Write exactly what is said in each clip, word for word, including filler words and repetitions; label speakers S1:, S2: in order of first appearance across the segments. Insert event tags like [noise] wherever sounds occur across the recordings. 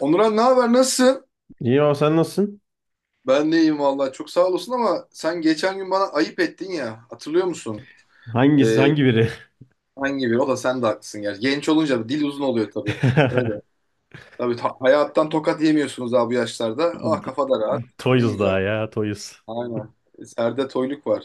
S1: Onuran, ne haber, nasılsın?
S2: İyi o sen nasılsın?
S1: Ben de iyiyim vallahi, çok sağ olasın, ama sen geçen gün bana ayıp ettin ya, hatırlıyor musun?
S2: Hangisi
S1: Ee,
S2: hangi biri?
S1: hangi bir o da, sen de haklısın gerçi. Genç olunca dil uzun oluyor tabii. Öyle.
S2: [laughs]
S1: Tabii ta- hayattan tokat yemiyorsunuz abi, bu yaşlarda. Ah, kafa da rahat. Ne
S2: Toyuz
S1: güzel.
S2: daha ya Toyuz.
S1: Aynen. Serde toyluk var.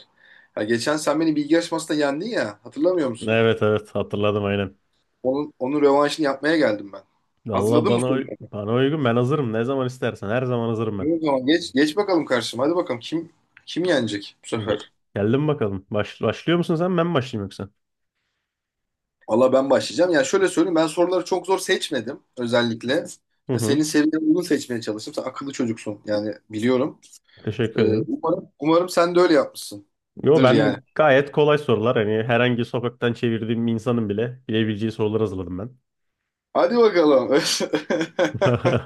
S1: Ya geçen sen beni bilgi yarışmasında yendin ya, hatırlamıyor musun?
S2: Evet evet hatırladım aynen.
S1: Onun, onun rövanşını yapmaya geldim ben.
S2: Valla
S1: Hazırladın mı
S2: bana uy-
S1: soruları?
S2: bana uygun ben hazırım ne zaman istersen her zaman hazırım ben.
S1: İyi. O zaman geç, geç bakalım karşıma. Hadi bakalım, kim kim yenecek bu
S2: Ge-
S1: sefer?
S2: Geldim bakalım. Baş- başlıyor musun sen ben mi başlayayım yoksa?
S1: Valla ben başlayacağım. Ya şöyle söyleyeyim, ben soruları çok zor seçmedim özellikle.
S2: Hı
S1: E,
S2: hı.
S1: Senin seviyene uygun seçmeye çalıştım. Sen akıllı çocuksun, yani biliyorum.
S2: Teşekkür
S1: E,
S2: ederim.
S1: umarım, umarım sen de öyle
S2: Yo
S1: yapmışsındır yani.
S2: ben gayet kolay sorular hani herhangi sokaktan çevirdiğim bir insanın bile bilebileceği sorular hazırladım ben.
S1: Hadi bakalım. [laughs]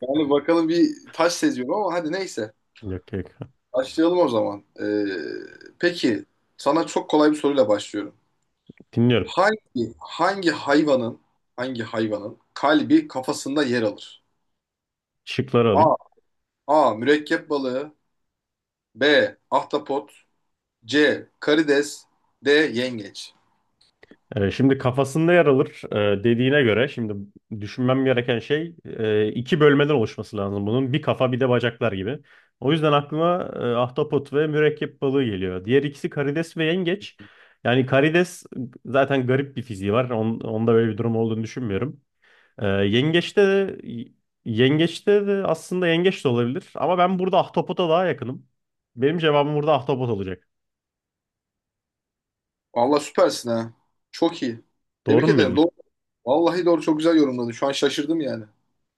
S1: Yani bakalım, bir taş seziyorum ama hadi neyse.
S2: [laughs] Yok yok.
S1: Başlayalım o zaman. E, peki sana çok kolay bir soruyla başlıyorum.
S2: Dinliyorum.
S1: Hangi hangi hayvanın hangi hayvanın kalbi kafasında yer alır?
S2: Şıkları
S1: A.
S2: alayım.
S1: A. Mürekkep balığı. B. Ahtapot. C. Karides. D. Yengeç.
S2: Ee, Şimdi kafasında yer alır, e, dediğine göre şimdi düşünmem gereken şey e, iki bölmeden oluşması lazım bunun. Bir kafa bir de bacaklar gibi. O yüzden aklıma e, ahtapot ve mürekkep balığı geliyor. Diğer ikisi karides ve yengeç. Yani karides zaten garip bir fiziği var. On- onda böyle bir durum olduğunu düşünmüyorum. E, yengeçte de yengeçte de aslında yengeç de olabilir ama ben burada ahtapota daha yakınım. Benim cevabım burada ahtapot olacak.
S1: Allah, süpersin ha. Çok iyi.
S2: Doğru
S1: Tebrik
S2: mu
S1: ederim.
S2: bildim?
S1: Doğru. Vallahi doğru, çok güzel yorumladın. Şu an şaşırdım yani.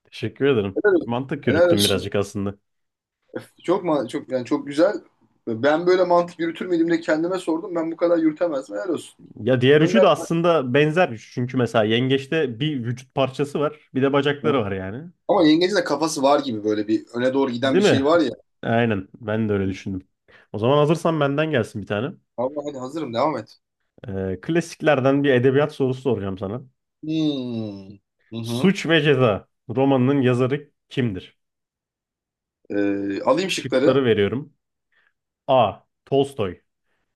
S2: Teşekkür ederim.
S1: Helal olsun.
S2: Mantık
S1: Helal
S2: yürüttüm
S1: olsun.
S2: birazcık aslında.
S1: Çok ma çok, yani çok güzel. Ben böyle mantık yürütür müydüm de kendime sordum. Ben bu kadar yürütemezdim. Helal olsun.
S2: Ya diğer üçü
S1: Gönder.
S2: de aslında benzer üç. Çünkü mesela yengeçte bir vücut parçası var, bir de bacakları var yani.
S1: Ama yengecin de kafası var gibi, böyle bir öne doğru giden
S2: Değil
S1: bir şey
S2: mi?
S1: var ya.
S2: [laughs] Aynen. Ben de öyle düşündüm. O zaman hazırsan benden gelsin bir tane.
S1: Allah, hadi hazırım, devam et.
S2: Ee, klasiklerden bir edebiyat sorusu soracağım sana.
S1: Hmm. Hı hı.
S2: Suç ve Ceza romanının yazarı kimdir?
S1: Ee, alayım şıkları.
S2: Şıkları veriyorum. A. Tolstoy.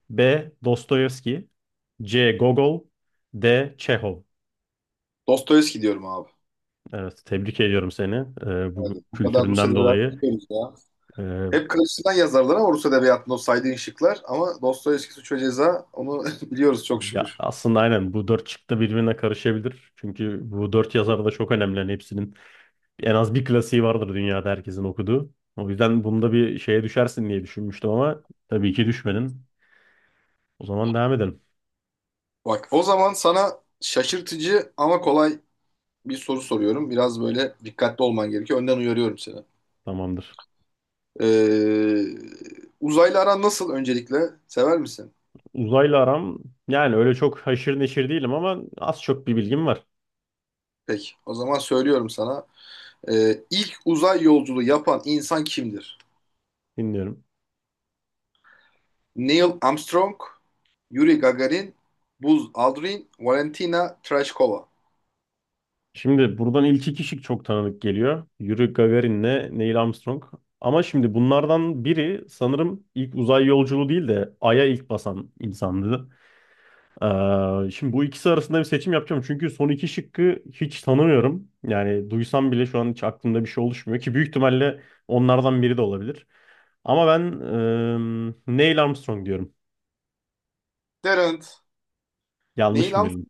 S2: B. Dostoyevski. C. Gogol. D. Çehov.
S1: Dostoyevski diyorum abi.
S2: Evet, tebrik ediyorum seni. Ee, bu
S1: Hadi. Bu kadar Rusya
S2: kültüründen dolayı.
S1: vermiyoruz ya.
S2: Ee,
S1: Hep karşısından yazarlar ama Rus edebiyatında, o saydığın şıklar. Ama Dostoyevski Suç ve Ceza, onu [laughs] biliyoruz çok
S2: Ya
S1: şükür.
S2: aslında aynen bu dört çıktı birbirine karışabilir. Çünkü bu dört yazar da çok önemli. Hani hepsinin en az bir klasiği vardır dünyada herkesin okuduğu. O yüzden bunda bir şeye düşersin diye düşünmüştüm ama tabii ki düşmedin. O zaman devam edelim.
S1: Bak, o zaman sana şaşırtıcı ama kolay bir soru soruyorum. Biraz böyle dikkatli olman gerekiyor. Önden uyarıyorum seni.
S2: Tamamdır.
S1: Ee, Uzaylı aran nasıl öncelikle? Sever misin?
S2: Uzayla aram yani öyle çok haşır neşir değilim ama az çok bir bilgim var.
S1: Peki, o zaman söylüyorum sana. Ee, ilk uzay yolculuğu yapan insan kimdir?
S2: Dinliyorum.
S1: Neil Armstrong, Yuri Gagarin, Buzz Aldrin, Valentina Tereshkova.
S2: Şimdi buradan ilk iki kişi çok tanıdık geliyor. Yuri Gagarin'le Neil Armstrong. Ama şimdi bunlardan biri sanırım ilk uzay yolculuğu değil de Ay'a ilk basan insandı. Ee, şimdi bu ikisi arasında bir seçim yapacağım. Çünkü son iki şıkkı hiç tanımıyorum. Yani duysam bile şu an hiç aklımda bir şey oluşmuyor ki büyük ihtimalle onlardan biri de olabilir. Ama ben eee, Neil Armstrong diyorum.
S1: Derent. Neil,
S2: Yanlış mı bildim?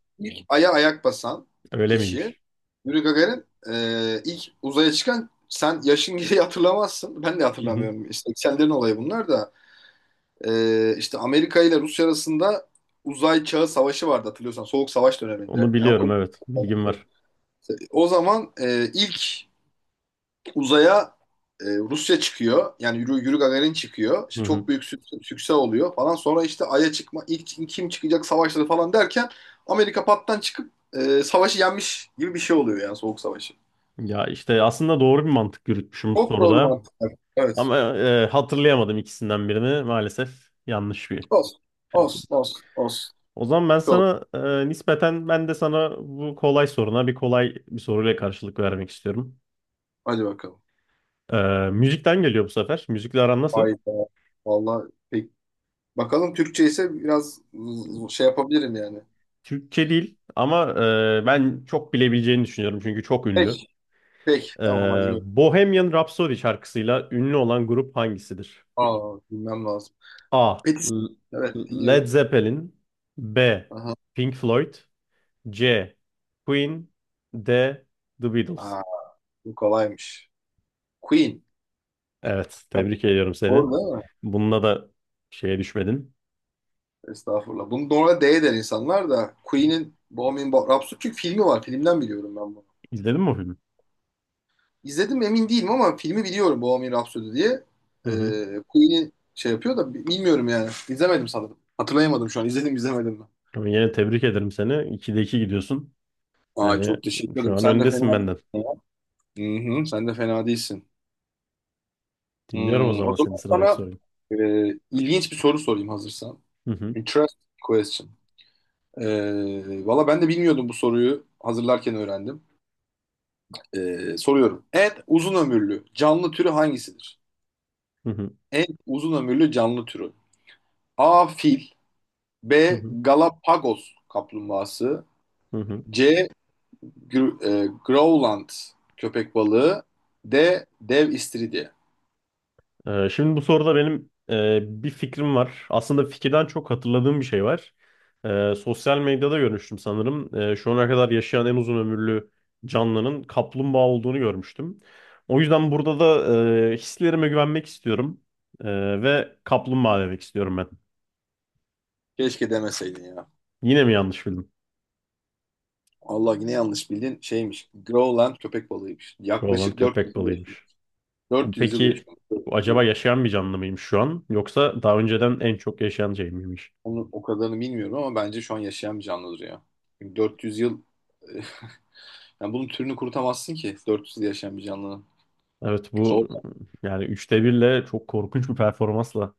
S1: Ay'a ayak basan
S2: Öyle
S1: kişi.
S2: miymiş?
S1: Yuri Gagarin, e, ilk uzaya çıkan. Sen yaşın gereği hatırlamazsın. Ben de
S2: Hı hı.
S1: hatırlamıyorum. İşte seksenlerin olayı bunlar da. E, işte Amerika ile Rusya arasında uzay çağı savaşı vardı, hatırlıyorsan. Soğuk savaş
S2: Onu
S1: döneminde. Yani
S2: biliyorum,
S1: okum-
S2: evet. Bilgim var.
S1: o zaman e, ilk uzaya e, Rusya çıkıyor. Yani Yuri, Yuri Gagarin çıkıyor.
S2: Hı
S1: İşte çok
S2: hı.
S1: büyük sük- sükse oluyor falan. Sonra işte Ay'a çıkma, ilk kim çıkacak savaşları falan derken, Amerika pattan çıkıp e, savaşı yenmiş gibi bir şey oluyor, yani Soğuk Savaşı.
S2: Ya işte aslında doğru bir mantık yürütmüşüm
S1: Çok doğru
S2: soruda.
S1: mantıklar. Evet.
S2: Ama eee, hatırlayamadım ikisinden birini. Maalesef yanlış bir
S1: Olsun.
S2: şey.
S1: Olsun. Olsun. Olsun.
S2: O zaman ben
S1: Doğru.
S2: sana, e, nispeten ben de sana bu kolay soruna bir kolay bir soruyla karşılık vermek istiyorum.
S1: Hadi bakalım.
S2: E, müzikten geliyor bu sefer. Müzikle aran nasıl?
S1: Hayda. Vallahi pek. Bakalım, Türkçe ise biraz z- şey yapabilirim yani.
S2: Türkçe değil ama e, ben çok bilebileceğini düşünüyorum çünkü çok ünlü.
S1: Pek. Pek.
S2: E,
S1: Tamam, hadi gör.
S2: Bohemian Rhapsody şarkısıyla ünlü olan grup hangisidir?
S1: Aa, bilmem lazım.
S2: A.
S1: Petis.
S2: L-
S1: Evet,
S2: Led
S1: dinliyorum.
S2: Zeppelin. B.
S1: Aha.
S2: Pink Floyd. C. Queen. D. The Beatles.
S1: Aa. Bu kolaymış. Queen.
S2: Evet,
S1: Yani,
S2: tebrik ediyorum seni.
S1: doğru değil mi?
S2: Bununla da şeye düşmedin.
S1: Estağfurullah. Bunu doğru D der insanlar, da Queen'in Bohemian Bo- Rhapsody, çünkü filmi var. Filmden biliyorum ben bunu.
S2: İzledin mi o filmi?
S1: İzledim mi emin değilim ama filmi biliyorum, Bohemian Rhapsody diye.
S2: Hı hı.
S1: Ee, Queen'i şey yapıyor da bi- bilmiyorum yani. İzlemedim sanırım. Hatırlayamadım şu an. İzledim izlemedim mi?
S2: Ama yine tebrik ederim seni. ikide iki gidiyorsun.
S1: Aa,
S2: Yani
S1: çok teşekkür
S2: şu
S1: ederim.
S2: an
S1: Sen de fena
S2: öndesin
S1: değilsin.
S2: benden.
S1: Hı hı, sen de fena değilsin.
S2: Dinliyorum o
S1: Hmm, o
S2: zaman senin
S1: zaman
S2: sıradaki
S1: sana
S2: soruyu.
S1: e, ilginç bir soru sorayım hazırsan.
S2: Hı hı.
S1: Interesting question. Ee, valla ben de bilmiyordum bu soruyu. Hazırlarken öğrendim. Ee, soruyorum. En uzun ömürlü canlı türü hangisidir?
S2: Hı hı.
S1: En uzun ömürlü canlı türü. A. Fil.
S2: Hı
S1: B.
S2: hı.
S1: Galapagos kaplumbağası.
S2: Hı hı.
S1: C. Gr- e, Growland köpek balığı. D. Dev istiridye.
S2: Ee, şimdi bu soruda benim e, bir fikrim var. Aslında fikirden çok hatırladığım bir şey var. Ee, sosyal medyada görmüştüm sanırım. Ee, şu ana kadar yaşayan en uzun ömürlü canlının kaplumbağa olduğunu görmüştüm. O yüzden burada da e, hislerime güvenmek istiyorum. Ee, ve kaplumbağa demek istiyorum ben.
S1: Keşke demeseydin ya.
S2: Yine mi yanlış bildim?
S1: Allah, yine yanlış bildin. Şeymiş. Growland köpek balığıymış.
S2: Koalan
S1: Yaklaşık
S2: köpek
S1: dört yüz yıl yaşıyor.
S2: balığıymış.
S1: dört yüz yıl
S2: Peki
S1: yaşıyor.
S2: bu acaba yaşayan bir canlı mıymış şu an? Yoksa daha önceden en çok yaşayan şey miymiş?
S1: Onu, o kadarını bilmiyorum ama bence şu an yaşayan bir canlıdır ya. Çünkü dört yüz yıl [laughs] yani, bunun türünü kurutamazsın ki, dört yüz yıl yaşayan bir canlının.
S2: Evet,
S1: Zor.
S2: bu yani üçte birle çok korkunç bir performansla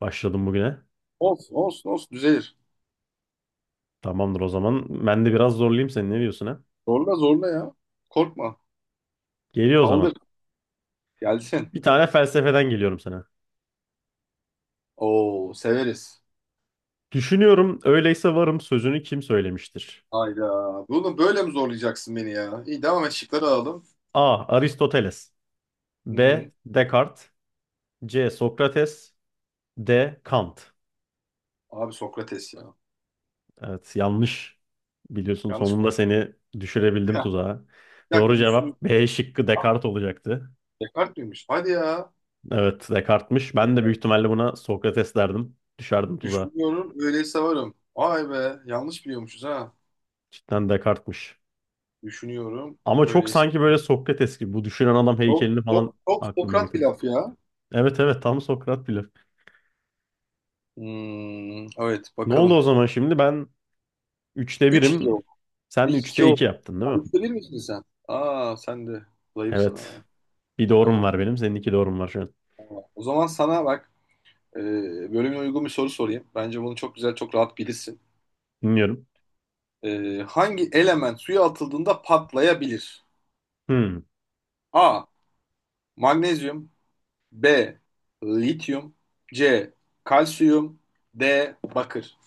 S2: başladım bugüne.
S1: Olsun olsun olsun, düzelir.
S2: Tamamdır o zaman. Ben de biraz zorlayayım seni. Ne diyorsun, ha?
S1: Zorla zorla ya. Korkma.
S2: Geliyor o
S1: Saldır.
S2: zaman.
S1: Gelsin.
S2: Bir tane felsefeden geliyorum sana.
S1: Oo, severiz.
S2: Düşünüyorum öyleyse varım sözünü kim söylemiştir?
S1: Hayda. Bunu böyle mi zorlayacaksın beni ya? İyi, devam et, şıkları alalım.
S2: A. Aristoteles.
S1: Hı
S2: B.
S1: hı.
S2: Descartes. C. Sokrates. D. Kant.
S1: Abi Sokrates ya.
S2: Evet, yanlış. Biliyorsun,
S1: Yanlış mı?
S2: sonunda
S1: [laughs]
S2: seni düşürebildim
S1: Ha,
S2: tuzağa.
S1: bir dakika
S2: Doğru
S1: düşün.
S2: cevap B şıkkı Descartes olacaktı.
S1: Descartes miymiş? Hadi ya.
S2: Evet, Descartes'miş. Ben de büyük ihtimalle buna Sokrates derdim. Düşerdim tuzağa.
S1: Düşünüyorum öyleyse varım. Vay be, yanlış biliyormuşuz ha.
S2: Cidden Descartes'miş.
S1: Düşünüyorum
S2: Ama çok
S1: öyleyse.
S2: sanki böyle Sokrates gibi. Bu düşünen adam
S1: Çok,
S2: heykelini falan
S1: çok, çok
S2: aklıma
S1: Sokrat bir
S2: getirdi.
S1: laf ya.
S2: Evet evet, tam Sokrat bile.
S1: Hmm, evet
S2: Ne oldu o
S1: bakalım.
S2: zaman şimdi? Ben üçte
S1: Üç iki
S2: birim,
S1: oldu.
S2: sen
S1: Üç iki
S2: üçte iki
S1: oldu.
S2: yaptın değil mi?
S1: üçte bir misin sen? Aa, sen de zayıfsın
S2: Evet.
S1: ha.
S2: Bir doğrum
S1: Tamam.
S2: var benim. Senin iki doğrum var şu an.
S1: Tamam. O zaman sana bak, e, bölümüne uygun bir soru sorayım. Bence bunu çok güzel, çok rahat bilirsin.
S2: Dinliyorum.
S1: E, hangi element suya atıldığında patlayabilir?
S2: Hmm.
S1: A. Magnezyum. B. Lityum. C. Kalsiyum. D. Bakır.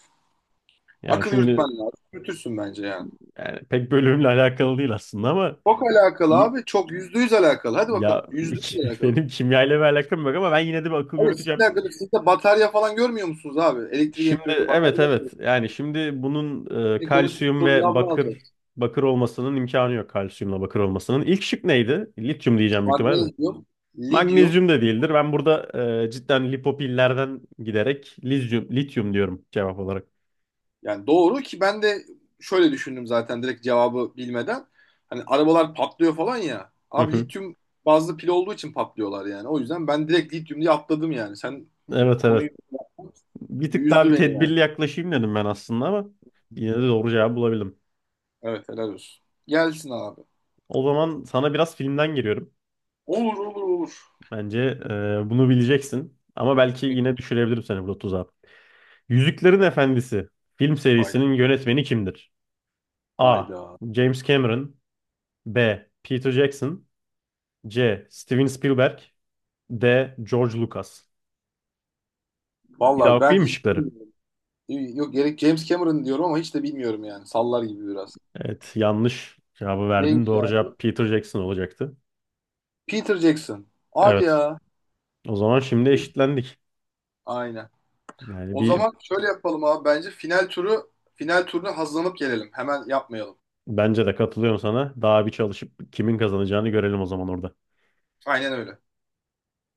S2: Yani
S1: Akıl yürütmen
S2: şimdi
S1: lazım. Yürütürsün bence yani.
S2: yani pek bölümle alakalı değil aslında ama
S1: Çok alakalı
S2: iyi.
S1: abi. Çok, yüzde yüz alakalı. Hadi bakalım.
S2: Ya
S1: Yüzde yüz
S2: [laughs] benim
S1: alakalı.
S2: kimyayla bir alakam yok ama ben yine de bir akıl
S1: Abi, sizle
S2: yürüteceğim.
S1: alakalı. Siz de batarya falan görmüyor musunuz abi? Elektrik
S2: Şimdi
S1: elektronikte
S2: evet
S1: batarya mı?
S2: evet yani şimdi bunun e,
S1: Bir konuştuk,
S2: kalsiyum
S1: soru
S2: ve
S1: cevabını
S2: bakır,
S1: alacağız.
S2: bakır olmasının imkanı yok, kalsiyumla bakır olmasının. İlk şık neydi? Lityum diyeceğim büyük ihtimalle de.
S1: Magnezyum, lityum.
S2: Magnezyum da değildir. Ben burada e, cidden lipopillerden giderek lityum, lityum diyorum cevap olarak.
S1: Yani doğru, ki ben de şöyle düşündüm zaten direkt, cevabı bilmeden. Hani arabalar patlıyor falan ya.
S2: Hı
S1: Abi
S2: hı.
S1: lityum bazlı pil olduğu için patlıyorlar yani. O yüzden ben direkt lityum diye atladım yani. Sen bu
S2: Evet
S1: konuyu
S2: evet. Bir tık daha
S1: yüzdü
S2: bir
S1: beni yani.
S2: tedbirli yaklaşayım dedim ben aslında ama yine de doğru cevabı bulabildim.
S1: Evet, helal olsun. Gelsin abi.
S2: O zaman sana biraz filmden giriyorum.
S1: Olur olur olur.
S2: Bence e, bunu bileceksin ama belki yine düşürebilirim seni burada tuzağa. Yüzüklerin Efendisi film
S1: Hayda.
S2: serisinin yönetmeni kimdir? A.
S1: Hayda.
S2: James Cameron. B. Peter Jackson. C. Steven Spielberg. D. George Lucas. Bir daha
S1: Valla ben
S2: okuyayım mı
S1: hiç
S2: şıkları?
S1: bilmiyorum. Yok gerek, James Cameron diyorum ama hiç de bilmiyorum yani. Sallar gibi biraz.
S2: Evet, yanlış cevabı verdin.
S1: Neymiş ya
S2: Doğru
S1: bu?
S2: cevap Peter Jackson olacaktı.
S1: Peter Jackson. Hadi
S2: Evet.
S1: ya.
S2: O zaman şimdi eşitlendik.
S1: Aynen.
S2: Yani
S1: O
S2: bir
S1: zaman şöyle yapalım abi, bence final turu, final turuna hazırlanıp gelelim. Hemen yapmayalım.
S2: bence de katılıyorum sana. Daha bir çalışıp kimin kazanacağını görelim o zaman orada.
S1: Aynen öyle.